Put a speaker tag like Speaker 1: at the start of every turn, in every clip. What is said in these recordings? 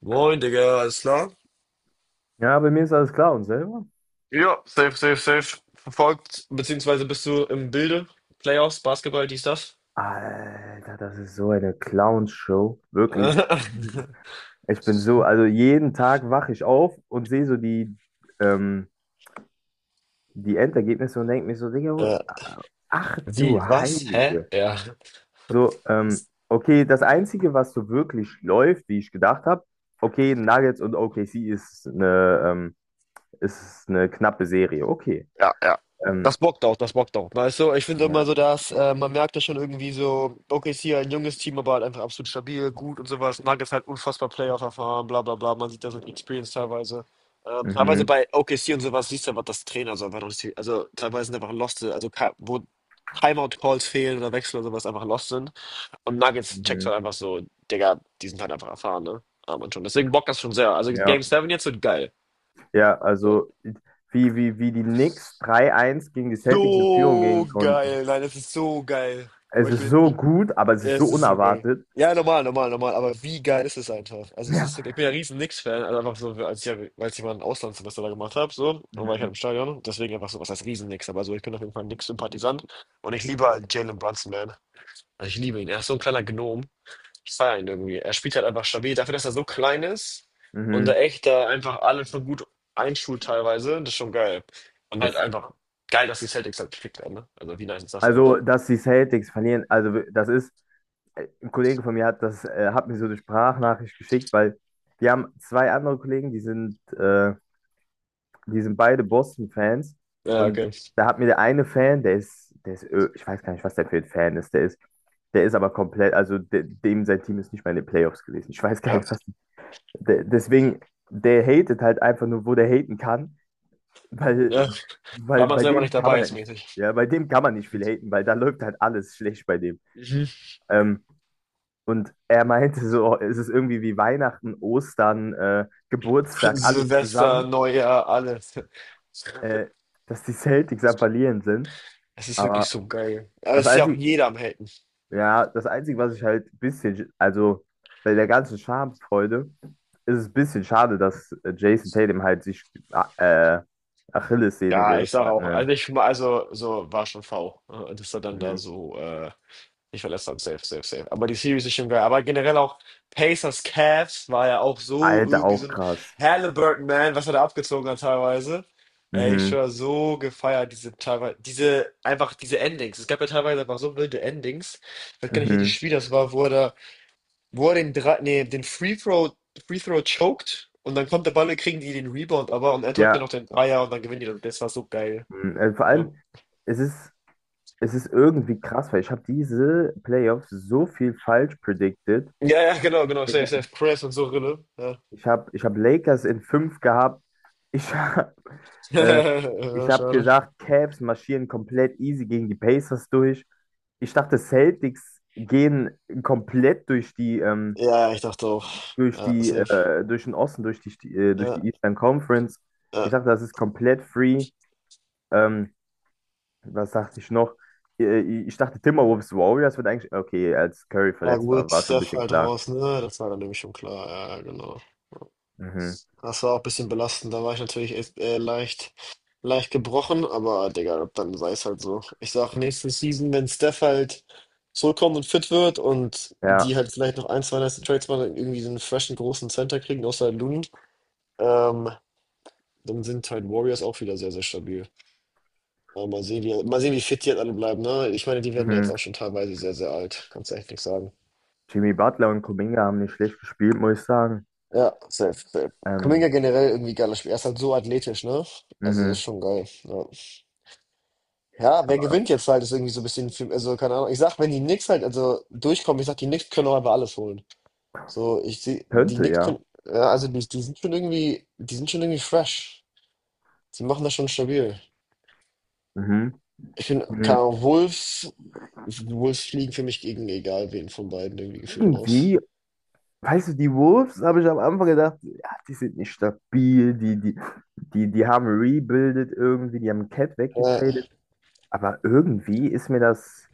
Speaker 1: Moin, Digga, alles klar?
Speaker 2: Ja, bei mir ist alles klar und selber?
Speaker 1: Ja, safe, safe, safe. Verfolgt, beziehungsweise bist du im Bilde? Playoffs, Basketball, dies, das?
Speaker 2: Alter, das ist so eine Clownshow. Wirklich. Ich bin so, also jeden Tag wache ich auf und sehe so ähm, die Endergebnisse und denke mir so, Digga,
Speaker 1: Ja.
Speaker 2: ach du
Speaker 1: Wie, was? Hä?
Speaker 2: Heilige.
Speaker 1: Ja.
Speaker 2: So, okay, das Einzige, was so wirklich läuft, wie ich gedacht habe, okay, Nuggets und OKC ist eine knappe Serie. Okay.
Speaker 1: Ja, ja.
Speaker 2: Ähm,
Speaker 1: Das bockt auch, das bockt auch. Weißt du, ich finde immer
Speaker 2: ja.
Speaker 1: so, dass man merkt ja schon irgendwie so, okay, ist hier ein junges Team, aber halt einfach absolut stabil, gut und sowas. Nuggets halt unfassbar Playoff-Erfahren, bla bla bla. Man sieht da so die Experience teilweise. Teilweise
Speaker 2: Mhm.
Speaker 1: bei OKC und sowas siehst du aber, dass Trainer so einfach noch nicht, also teilweise sind einfach Lost, also wo Timeout-Calls fehlen oder Wechsel oder sowas einfach Lost sind. Und Nuggets checkt
Speaker 2: Mhm.
Speaker 1: halt einfach so, Digga, die sind halt einfach erfahren, ne? Ah, man schon. Deswegen bockt das schon sehr. Also Game
Speaker 2: Ja.
Speaker 1: 7 jetzt wird geil.
Speaker 2: Ja,
Speaker 1: So.
Speaker 2: also wie die Knicks 3-1 gegen die Celtics in Führung
Speaker 1: So
Speaker 2: gehen konnten.
Speaker 1: geil. Nein, das ist so geil. Bro,
Speaker 2: Es ist so gut, aber es ist so
Speaker 1: Es ist so geil.
Speaker 2: unerwartet.
Speaker 1: Ja, normal, normal, normal. Aber wie geil ist es einfach? Also es ist so, ich
Speaker 2: Ja.
Speaker 1: bin ja riesen Knicks-Fan, also einfach so, als ich, ja, weil ich mal ein Auslandssemester da gemacht habe, so, und war ich halt im
Speaker 2: Mhm.
Speaker 1: Stadion. Deswegen einfach so, was heißt riesen Knicks, aber so, ich bin auf jeden Fall ein Knicks-Sympathisant. Und ich liebe halt Jalen Brunson, man. Also ich liebe ihn. Er ist so ein kleiner Gnom. Ich feiere ihn irgendwie. Er spielt halt einfach stabil. Dafür, dass er so klein ist und da
Speaker 2: Mhm.
Speaker 1: echt da einfach alle schon gut einschult teilweise, das ist schon geil. Und halt
Speaker 2: Das,
Speaker 1: einfach geil, dass die Celtics halt gekickt werden, ne? Also wie nice ist das
Speaker 2: also,
Speaker 1: einfach?
Speaker 2: dass die Celtics verlieren, also ein Kollege von mir hat hat mir so eine Sprachnachricht geschickt, weil wir haben zwei andere Kollegen, die sind beide Boston-Fans
Speaker 1: Ja,
Speaker 2: und
Speaker 1: okay.
Speaker 2: da hat mir der eine Fan, ich weiß gar nicht, was der für ein Fan ist, der ist aber komplett, also dem sein Team ist nicht mal in den Playoffs gewesen. Ich weiß gar
Speaker 1: Ja,
Speaker 2: nicht, was. Deswegen, der hatet halt einfach nur, wo der haten kann, weil,
Speaker 1: ja. War
Speaker 2: weil
Speaker 1: man
Speaker 2: bei
Speaker 1: selber nicht
Speaker 2: dem kann
Speaker 1: dabei,
Speaker 2: man
Speaker 1: ist
Speaker 2: halt nicht,
Speaker 1: mäßig.
Speaker 2: ja, bei dem kann man nicht viel haten, weil da läuft halt alles schlecht bei dem.
Speaker 1: Mhm.
Speaker 2: Ähm, und er meinte so, oh, es ist irgendwie wie Weihnachten, Ostern, Geburtstag, alles
Speaker 1: Silvester,
Speaker 2: zusammen,
Speaker 1: Neujahr, alles.
Speaker 2: äh, dass die Celtics am Verlieren sind.
Speaker 1: Es ist wirklich
Speaker 2: Aber
Speaker 1: so geil. Aber
Speaker 2: das
Speaker 1: es ist ja auch
Speaker 2: Einzige,
Speaker 1: jeder am Helden.
Speaker 2: Ja, das Einzige, was ich halt ein bisschen, also bei der ganzen Schamfreude, ist es ein bisschen schade, dass Jason Tatum halt sich ah, äh, Achillessehne
Speaker 1: Ja, ich
Speaker 2: gerissen
Speaker 1: sage
Speaker 2: hat.
Speaker 1: auch.
Speaker 2: Ne?
Speaker 1: Also ich also so war schon dass er dann da
Speaker 2: Mhm.
Speaker 1: so ich verlässt dann safe, safe, safe. Aber die Series ist schon geil. Aber generell auch Pacers Cavs war ja auch so
Speaker 2: Alter,
Speaker 1: irgendwie so
Speaker 2: auch
Speaker 1: ein
Speaker 2: krass.
Speaker 1: Halliburton Man, was er da abgezogen hat teilweise. Ey, ich
Speaker 2: Mhm.
Speaker 1: war so gefeiert, diese teilweise, diese, einfach diese Endings. Es gab ja teilweise einfach so wilde Endings. Ich weiß gar nicht, welches
Speaker 2: Mhm.
Speaker 1: Spiel das war, wo er da, wo er den drei, nee, den Free Throw, Free Throw choked und dann kommt der Ball, und kriegen die den Rebound aber und er drückt dann
Speaker 2: Ja,
Speaker 1: noch den Dreier und dann gewinnen die. Das. Das war so geil.
Speaker 2: mhm. Vor
Speaker 1: Ähm,
Speaker 2: allem, es ist, es ist irgendwie krass, weil ich habe diese Playoffs so viel falsch predicted.
Speaker 1: ja, ja, genau, genau,
Speaker 2: Ich,
Speaker 1: safe, safe. Chris und so Rille. Ja.
Speaker 2: ich hab Lakers in 5 gehabt. Ich habe äh, Ich
Speaker 1: Ja,
Speaker 2: habe
Speaker 1: schade.
Speaker 2: gesagt, Cavs marschieren komplett easy gegen die Pacers durch. Ich dachte, Celtics gehen komplett
Speaker 1: Ja, ich dachte auch. Ja, safe.
Speaker 2: durch den Osten, durch die, äh, durch
Speaker 1: Ja,
Speaker 2: die Eastern Conference. Ich
Speaker 1: ja.
Speaker 2: dachte, das ist komplett free. Ähm, Was dachte ich noch? Äh, Ich dachte, Timberwolves Warriors wird eigentlich, okay, als Curry
Speaker 1: Ja,
Speaker 2: verletzt war,
Speaker 1: gut,
Speaker 2: war schon ein
Speaker 1: Steph
Speaker 2: bisschen
Speaker 1: halt
Speaker 2: klar.
Speaker 1: raus, ne? Das war dann nämlich schon klar. Ja, ja, genau.
Speaker 2: Mhm.
Speaker 1: Das war auch ein bisschen belastend. Da war ich natürlich echt, leicht, leicht gebrochen, aber Digga, dann sei es halt so. Ich sag, nächste Season, wenn Steph halt zurückkommt und fit wird und die
Speaker 2: Ja.
Speaker 1: halt vielleicht noch ein, zwei nice Trades machen, irgendwie so einen freshen großen Center kriegen, außer Looney, ähm, dann sind halt Warriors auch wieder sehr, sehr stabil. Ja, mal sehen, wie fit die jetzt alle bleiben, ne? Ich meine, die werden ja jetzt
Speaker 2: Mhm.
Speaker 1: auch schon teilweise sehr, sehr alt. Kannst du echt nichts sagen.
Speaker 2: Jimmy Butler und Kuminga haben nicht schlecht gespielt, muss ich sagen.
Speaker 1: Ja, safe, safe. Kuminga
Speaker 2: Ähm,
Speaker 1: generell irgendwie geiles Spiel. Er ist halt so athletisch, ne? Also, das ist
Speaker 2: mhm.
Speaker 1: schon geil. Ja, ja wer gewinnt jetzt halt, ist irgendwie so ein bisschen, also, keine Ahnung. Ich sag, wenn die Knicks halt, also, durchkommen, ich sag, die Knicks können auch einfach alles holen. So, ich sehe, die
Speaker 2: Könnte,
Speaker 1: Knicks
Speaker 2: ja.
Speaker 1: können, ja, also, die sind schon irgendwie, die sind schon irgendwie fresh. Die machen das schon stabil.
Speaker 2: Mhm.
Speaker 1: Ich bin, keine
Speaker 2: Mhm.
Speaker 1: Ahnung, Wolves, Wolves fliegen für mich gegen egal wen von beiden irgendwie gefühlt raus.
Speaker 2: Irgendwie weißt du, die Wolves habe ich am Anfang gedacht, ja, die sind nicht stabil, die haben rebuildet irgendwie, die haben Cat
Speaker 1: Ja,
Speaker 2: weggetradet. Aber irgendwie ist mir das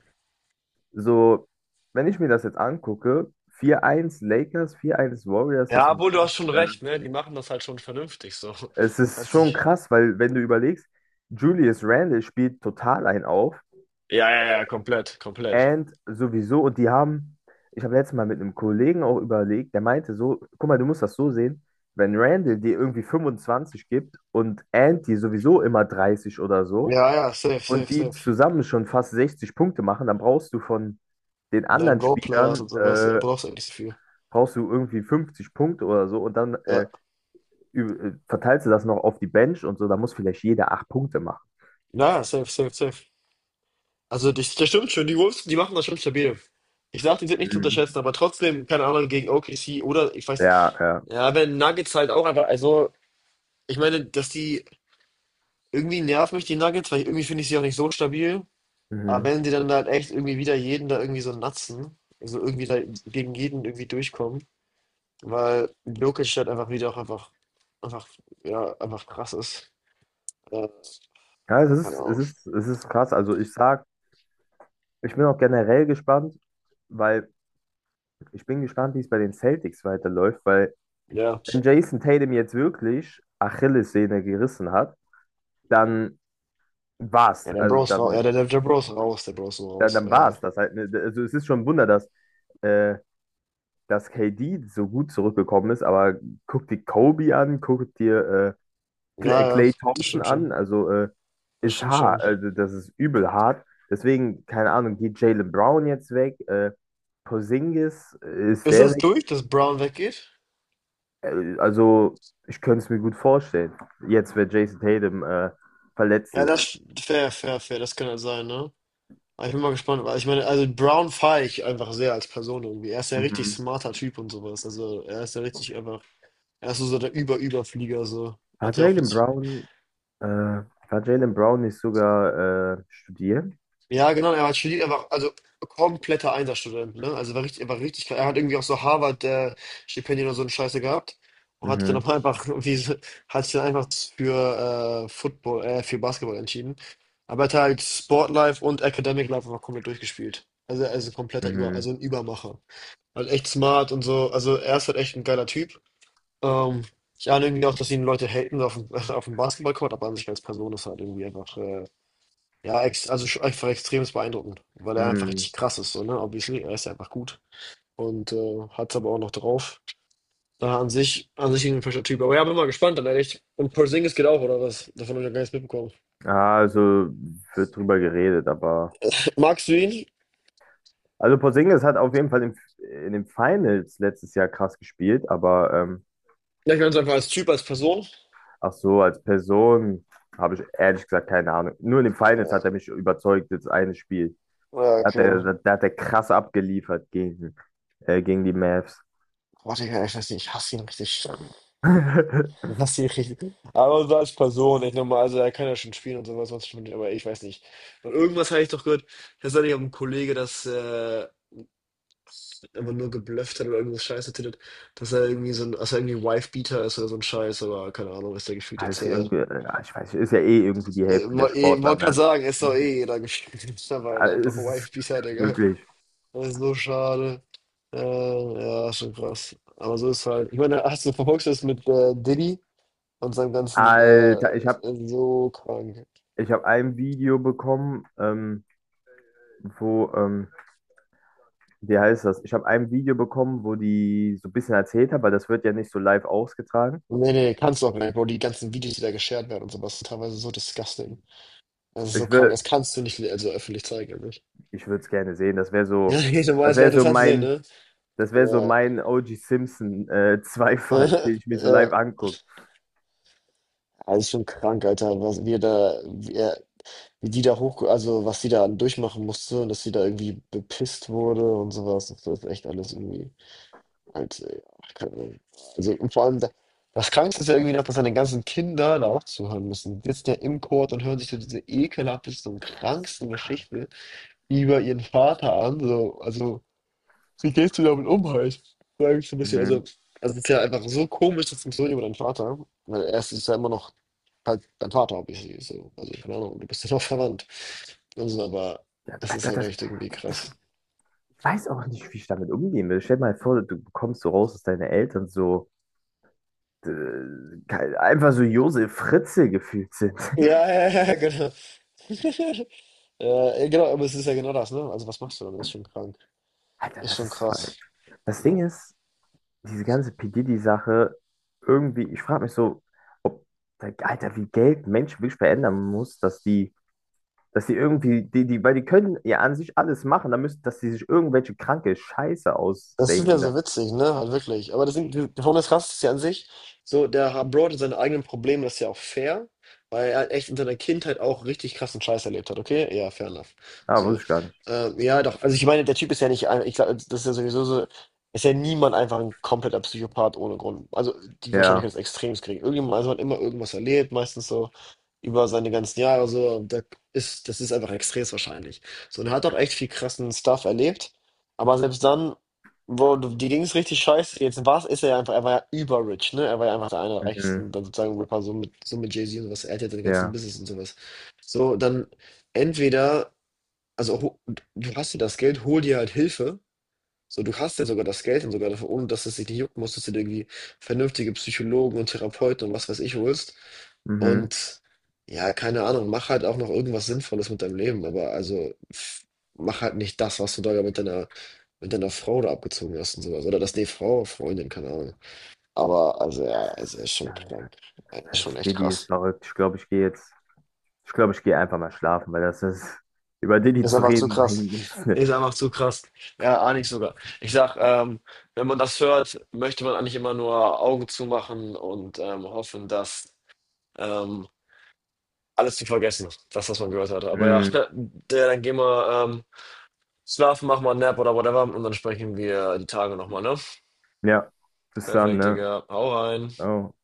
Speaker 2: so, wenn ich mir das jetzt angucke, 4-1 Lakers, 4-1 Warriors, das,
Speaker 1: ja,
Speaker 2: äh,
Speaker 1: obwohl du hast schon recht, ne? Die machen das halt schon vernünftig so.
Speaker 2: es ist
Speaker 1: Kannst
Speaker 2: schon
Speaker 1: dich.
Speaker 2: krass, weil wenn du überlegst, Julius Randle spielt total einen auf.
Speaker 1: Ja, ja, ja, komplett, komplett.
Speaker 2: And sowieso, und die haben, ich habe letztes Mal mit einem Kollegen auch überlegt, der meinte so, guck mal, du musst das so sehen, wenn Randall dir irgendwie 25 gibt und And dir sowieso immer 30 oder so
Speaker 1: Ja, ja, safe,
Speaker 2: und
Speaker 1: safe,
Speaker 2: die
Speaker 1: safe.
Speaker 2: zusammen schon fast 60 Punkte machen, dann brauchst du von den
Speaker 1: Und dann
Speaker 2: anderen
Speaker 1: Roleplayers und
Speaker 2: Spielern,
Speaker 1: sowas, ja, brauchst eigentlich nicht so viel.
Speaker 2: brauchst du irgendwie 50 Punkte oder so und dann
Speaker 1: Ja.
Speaker 2: verteilst du das noch auf die Bench und so, da muss vielleicht jeder 8 Punkte machen.
Speaker 1: Naja, safe, safe, safe. Also das stimmt schon, die Wolves, die machen das schon stabil. Ich sag, die sind nicht zu
Speaker 2: Mhm.
Speaker 1: unterschätzen, aber trotzdem, keine Ahnung, gegen OKC oder ich weiß,
Speaker 2: Ja, ja.
Speaker 1: ja, wenn Nuggets halt auch einfach, also, ich meine, dass die irgendwie nerven mich die Nuggets, weil irgendwie finde ich sie auch nicht so stabil. Aber
Speaker 2: Mhm.
Speaker 1: wenn die dann halt echt irgendwie wieder jeden da irgendwie so natzen, also irgendwie da gegen jeden irgendwie durchkommen, weil Jokic halt einfach wieder auch einfach, einfach, ja, einfach krass ist. Äh,
Speaker 2: Ja, es
Speaker 1: keine
Speaker 2: ist, es
Speaker 1: Ahnung.
Speaker 2: ist, es ist krass. Ich bin auch generell gespannt, weil ich bin gespannt, wie es bei den Celtics weiterläuft, weil
Speaker 1: Ja.
Speaker 2: wenn Jason Tatum jetzt wirklich Achillessehne gerissen hat, dann
Speaker 1: Ja,
Speaker 2: war's.
Speaker 1: der
Speaker 2: Also
Speaker 1: Bro ist raus. Ja,
Speaker 2: dann,
Speaker 1: der Bro ist raus. Der Bro ist so raus.
Speaker 2: war's das halt. Ne? Also es ist schon ein Wunder, äh, dass KD so gut zurückgekommen ist, aber guck dir Kobe an, guck dir
Speaker 1: Ja, ja,
Speaker 2: Klay
Speaker 1: das
Speaker 2: Thompson
Speaker 1: stimmt
Speaker 2: an,
Speaker 1: schon.
Speaker 2: also
Speaker 1: Das
Speaker 2: ist
Speaker 1: stimmt
Speaker 2: hart,
Speaker 1: schon.
Speaker 2: also das ist übel hart. Deswegen, keine Ahnung, geht Jaylen Brown jetzt weg, Porzingis, ist
Speaker 1: Ist
Speaker 2: der
Speaker 1: das
Speaker 2: weg?
Speaker 1: durch, dass Brown weggeht?
Speaker 2: Also, ich könnte es mir gut vorstellen. Jetzt, wenn Jason Tatum verletzt
Speaker 1: Ja,
Speaker 2: ist.
Speaker 1: fair, fair, fair. Das kann halt sein, ne? Aber ich bin mal gespannt, weil ich meine, also Brown feiere ich einfach sehr als Person irgendwie. Er ist ja richtig
Speaker 2: Mhm.
Speaker 1: smarter Typ und sowas. Also er ist ja richtig einfach. Er ist so so der Über-Überflieger, so.
Speaker 2: War
Speaker 1: Hat ja auch
Speaker 2: Jaylen
Speaker 1: richtig.
Speaker 2: Brown, war Jaylen Brown nicht sogar studieren?
Speaker 1: Ja, genau, er hat studiert, er war also kompletter Einserstudent, ne? Also war richtig, er hat irgendwie auch so Harvard Stipendien oder so eine Scheiße gehabt und hat sich dann
Speaker 2: Mhm.
Speaker 1: aber einfach irgendwie, hat sich dann einfach für Football, für Basketball entschieden. Aber er hat halt Sportlife und Academic Life einfach komplett durchgespielt. Also er ist ein kompletter Über,
Speaker 2: Mhm.
Speaker 1: also ein Übermacher. Halt echt smart und so. Also er ist halt echt ein geiler Typ. Ähm, ich ahne irgendwie auch, dass ihn Leute haten auf dem, auf dem Basketballcourt, aber an sich als Person ist halt irgendwie einfach, ja, also schon einfach extremst beeindruckend, weil er einfach
Speaker 2: Mhm.
Speaker 1: richtig krass ist, so, ne? Obviously, er ist ja einfach gut und hat es aber auch noch drauf. Da an sich ein frischer Typ. Aber ja, bin mal gespannt, dann ehrlich. Und Porzingis geht auch, oder was? Davon habe ich ja gar nichts mitbekommen.
Speaker 2: Ah, also wird drüber geredet, aber.
Speaker 1: Magst du ihn?
Speaker 2: Also Porzingis hat auf jeden Fall in den Finals letztes Jahr krass gespielt, aber
Speaker 1: Ja, ich meine es einfach als Typ, als Person.
Speaker 2: ach so, als Person habe ich ehrlich gesagt keine Ahnung. Nur in den Finals hat
Speaker 1: Ja,
Speaker 2: er mich überzeugt, das eine Spiel.
Speaker 1: ja,
Speaker 2: Da hat er,
Speaker 1: okay.
Speaker 2: da, da hat er krass abgeliefert gegen. Gegen die Mavs.
Speaker 1: Warte, ich weiß nicht, ich hasse ihn richtig. Was du richtig. Aber so als Person, ich nochmal, also er kann ja schon spielen und sowas, sonst schon, aber ich weiß nicht. Und irgendwas habe ich doch gehört, das soll ich auch ein Kollege, das einfach nur geblufft hat oder irgendwas Scheiße tittet, dass er irgendwie so ein, dass er irgendwie Wife-Beater ist oder so ein Scheiß, aber keine Ahnung, ist der gefühlt jetzt.
Speaker 2: Also irgendwie, ja, ich weiß nicht, ist ja eh irgendwie die Hälfte der Sportler,
Speaker 1: Wollte gerade
Speaker 2: ne?
Speaker 1: sagen, ist doch
Speaker 2: Mhm.
Speaker 1: eh jeder gefühlt, aber
Speaker 2: Also
Speaker 1: einfach
Speaker 2: es ist
Speaker 1: Wife-Beater, Digga.
Speaker 2: wirklich.
Speaker 1: Das ist so schade. Äh, ja, schon krass. Aber so ist halt. Ich meine, hast du verfolgst du das mit Diddy? Und seinem ganzen,
Speaker 2: Alter, ich habe
Speaker 1: so krank.
Speaker 2: ich hab ein Video bekommen, wo, wie heißt das? Ich habe ein Video bekommen, wo die so ein bisschen erzählt haben, weil das wird ja nicht so live ausgetragen.
Speaker 1: Nee, nee, kannst du auch nicht, Bro. Die ganzen Videos, die da geshared werden und sowas, sind teilweise so disgusting. Das ist so
Speaker 2: Ich
Speaker 1: krank.
Speaker 2: will,
Speaker 1: Das kannst du nicht also öffentlich zeigen, eigentlich.
Speaker 2: ich würde es gerne sehen. Das wäre
Speaker 1: Ja,
Speaker 2: so,
Speaker 1: ich weiß,
Speaker 2: das
Speaker 1: es wäre
Speaker 2: wäre so
Speaker 1: interessant zu sehen,
Speaker 2: mein,
Speaker 1: ne?
Speaker 2: das wäre so
Speaker 1: Aber,
Speaker 2: mein OG Simpson Zweifall, den ich mir so
Speaker 1: äh,
Speaker 2: live angucke.
Speaker 1: also schon krank, Alter, was wir da, wie die da hoch, also was sie da durchmachen musste und dass sie da irgendwie bepisst wurde und sowas. Das ist echt alles irgendwie. Also ja, keine Ahnung. Also und vor allem, das Krankste ist ja irgendwie noch, dass seine ganzen Kinder da auch zuhören müssen. Die sitzen ja im Chor und hören sich so diese ekelhafteste und
Speaker 2: Das ist so
Speaker 1: kranksten
Speaker 2: krank.
Speaker 1: Geschichte über ihren Vater an. So, also, wie gehst du damit um halt? Sag ich so ein bisschen. Also
Speaker 2: Mhm.
Speaker 1: es ist ja einfach so komisch, das funktioniert über deinen Vater. Weil er ist ja immer noch halt dein Vater, obviously. So. Also, keine Ahnung, du bist ja noch verwandt. Also, aber
Speaker 2: Ja,
Speaker 1: das ist
Speaker 2: Alter,
Speaker 1: halt
Speaker 2: das
Speaker 1: echt irgendwie krass.
Speaker 2: ich weiß auch nicht, wie ich damit umgehen will. Stell dir mal vor, du kommst so raus, dass deine Eltern so äh, einfach so Josef Fritzl gefühlt sind.
Speaker 1: Ja, ja, ja, genau. Ja, genau, aber es ist ja genau das, ne? Also was machst du dann? Ist schon krank.
Speaker 2: Alter,
Speaker 1: Ist
Speaker 2: das
Speaker 1: schon
Speaker 2: ist.
Speaker 1: krass.
Speaker 2: Das
Speaker 1: Ja.
Speaker 2: Ding ist, diese ganze P. Diddy-Sache, irgendwie, ich frage mich so, ob, Alter, wie Geld Menschen wirklich verändern muss, dass die irgendwie, weil die können ja an sich alles machen, dann müssen, dass die sich irgendwelche kranke Scheiße
Speaker 1: Das ist ja
Speaker 2: ausdenken
Speaker 1: so
Speaker 2: dann.
Speaker 1: witzig, ne? Halt wirklich. Aber das sind, die Formel krass. Ist ja an sich, so, Bro hatte seine eigenen Probleme, das ist ja auch fair, weil er halt echt in seiner Kindheit auch richtig krassen Scheiß erlebt hat, okay? Ja, fair enough.
Speaker 2: Ah,
Speaker 1: So.
Speaker 2: wusste ich gar nicht.
Speaker 1: Ja, doch. Also ich meine, der Typ ist ja nicht, ich glaube, das ist ja sowieso so, ist ja niemand einfach ein kompletter Psychopath ohne Grund. Also die
Speaker 2: Ja.
Speaker 1: Wahrscheinlichkeit ist extrem gering. Irgendjemand, also hat immer irgendwas erlebt, meistens so über seine ganzen Jahre so, da ist, das ist einfach extrem wahrscheinlich. So, und er hat auch echt viel krassen Stuff erlebt, aber selbst dann boah, die Ding ist richtig scheiße. Jetzt war ist er ja einfach, er war ja überrich, ne? Er war ja einfach der einer der reichsten,
Speaker 2: Mhm.
Speaker 1: dann sozusagen Rapper, so mit Jay-Z und sowas. Er hat ja seine ganzen
Speaker 2: Ja.
Speaker 1: Business und sowas. So, dann entweder, also du hast ja das Geld, hol dir halt Hilfe. So, du hast ja sogar das Geld und sogar dafür, ohne dass es dich nicht jucken muss, dass du dir irgendwie vernünftige Psychologen und Therapeuten und was weiß ich holst.
Speaker 2: Mhm.
Speaker 1: Und ja, keine Ahnung, mach halt auch noch irgendwas Sinnvolles mit deinem Leben, aber also pff, mach halt nicht das, was du da mit deiner Frau da abgezogen hast und sowas oder das, ne, Frau, Freundin, keine Ahnung. Aber, also, ja, also, er ist schon
Speaker 2: Ja,
Speaker 1: krank. Er ist schon echt
Speaker 2: Didi ist
Speaker 1: krass.
Speaker 2: verrückt. Ich glaube, ich gehe jetzt. Ich glaube, ich gehe einfach mal schlafen, weil das ist. Über Didi
Speaker 1: Ist
Speaker 2: zu
Speaker 1: einfach zu
Speaker 2: reden
Speaker 1: krass.
Speaker 2: bringt nichts. Ne?
Speaker 1: Ist einfach zu krass. Ja, ahne ich sogar. Ich sag, wenn man das hört, möchte man eigentlich immer nur Augen zumachen und hoffen, dass ähm, alles zu vergessen ist. Das, was man gehört hatte. Aber ja,
Speaker 2: Mm,
Speaker 1: der, dann gehen wir schlafen, machen wir einen Nap oder whatever und dann sprechen wir die Tage nochmal, ne?
Speaker 2: ja, bis dann,
Speaker 1: Perfekt,
Speaker 2: ne?
Speaker 1: Digga. Hau rein.
Speaker 2: Ciao.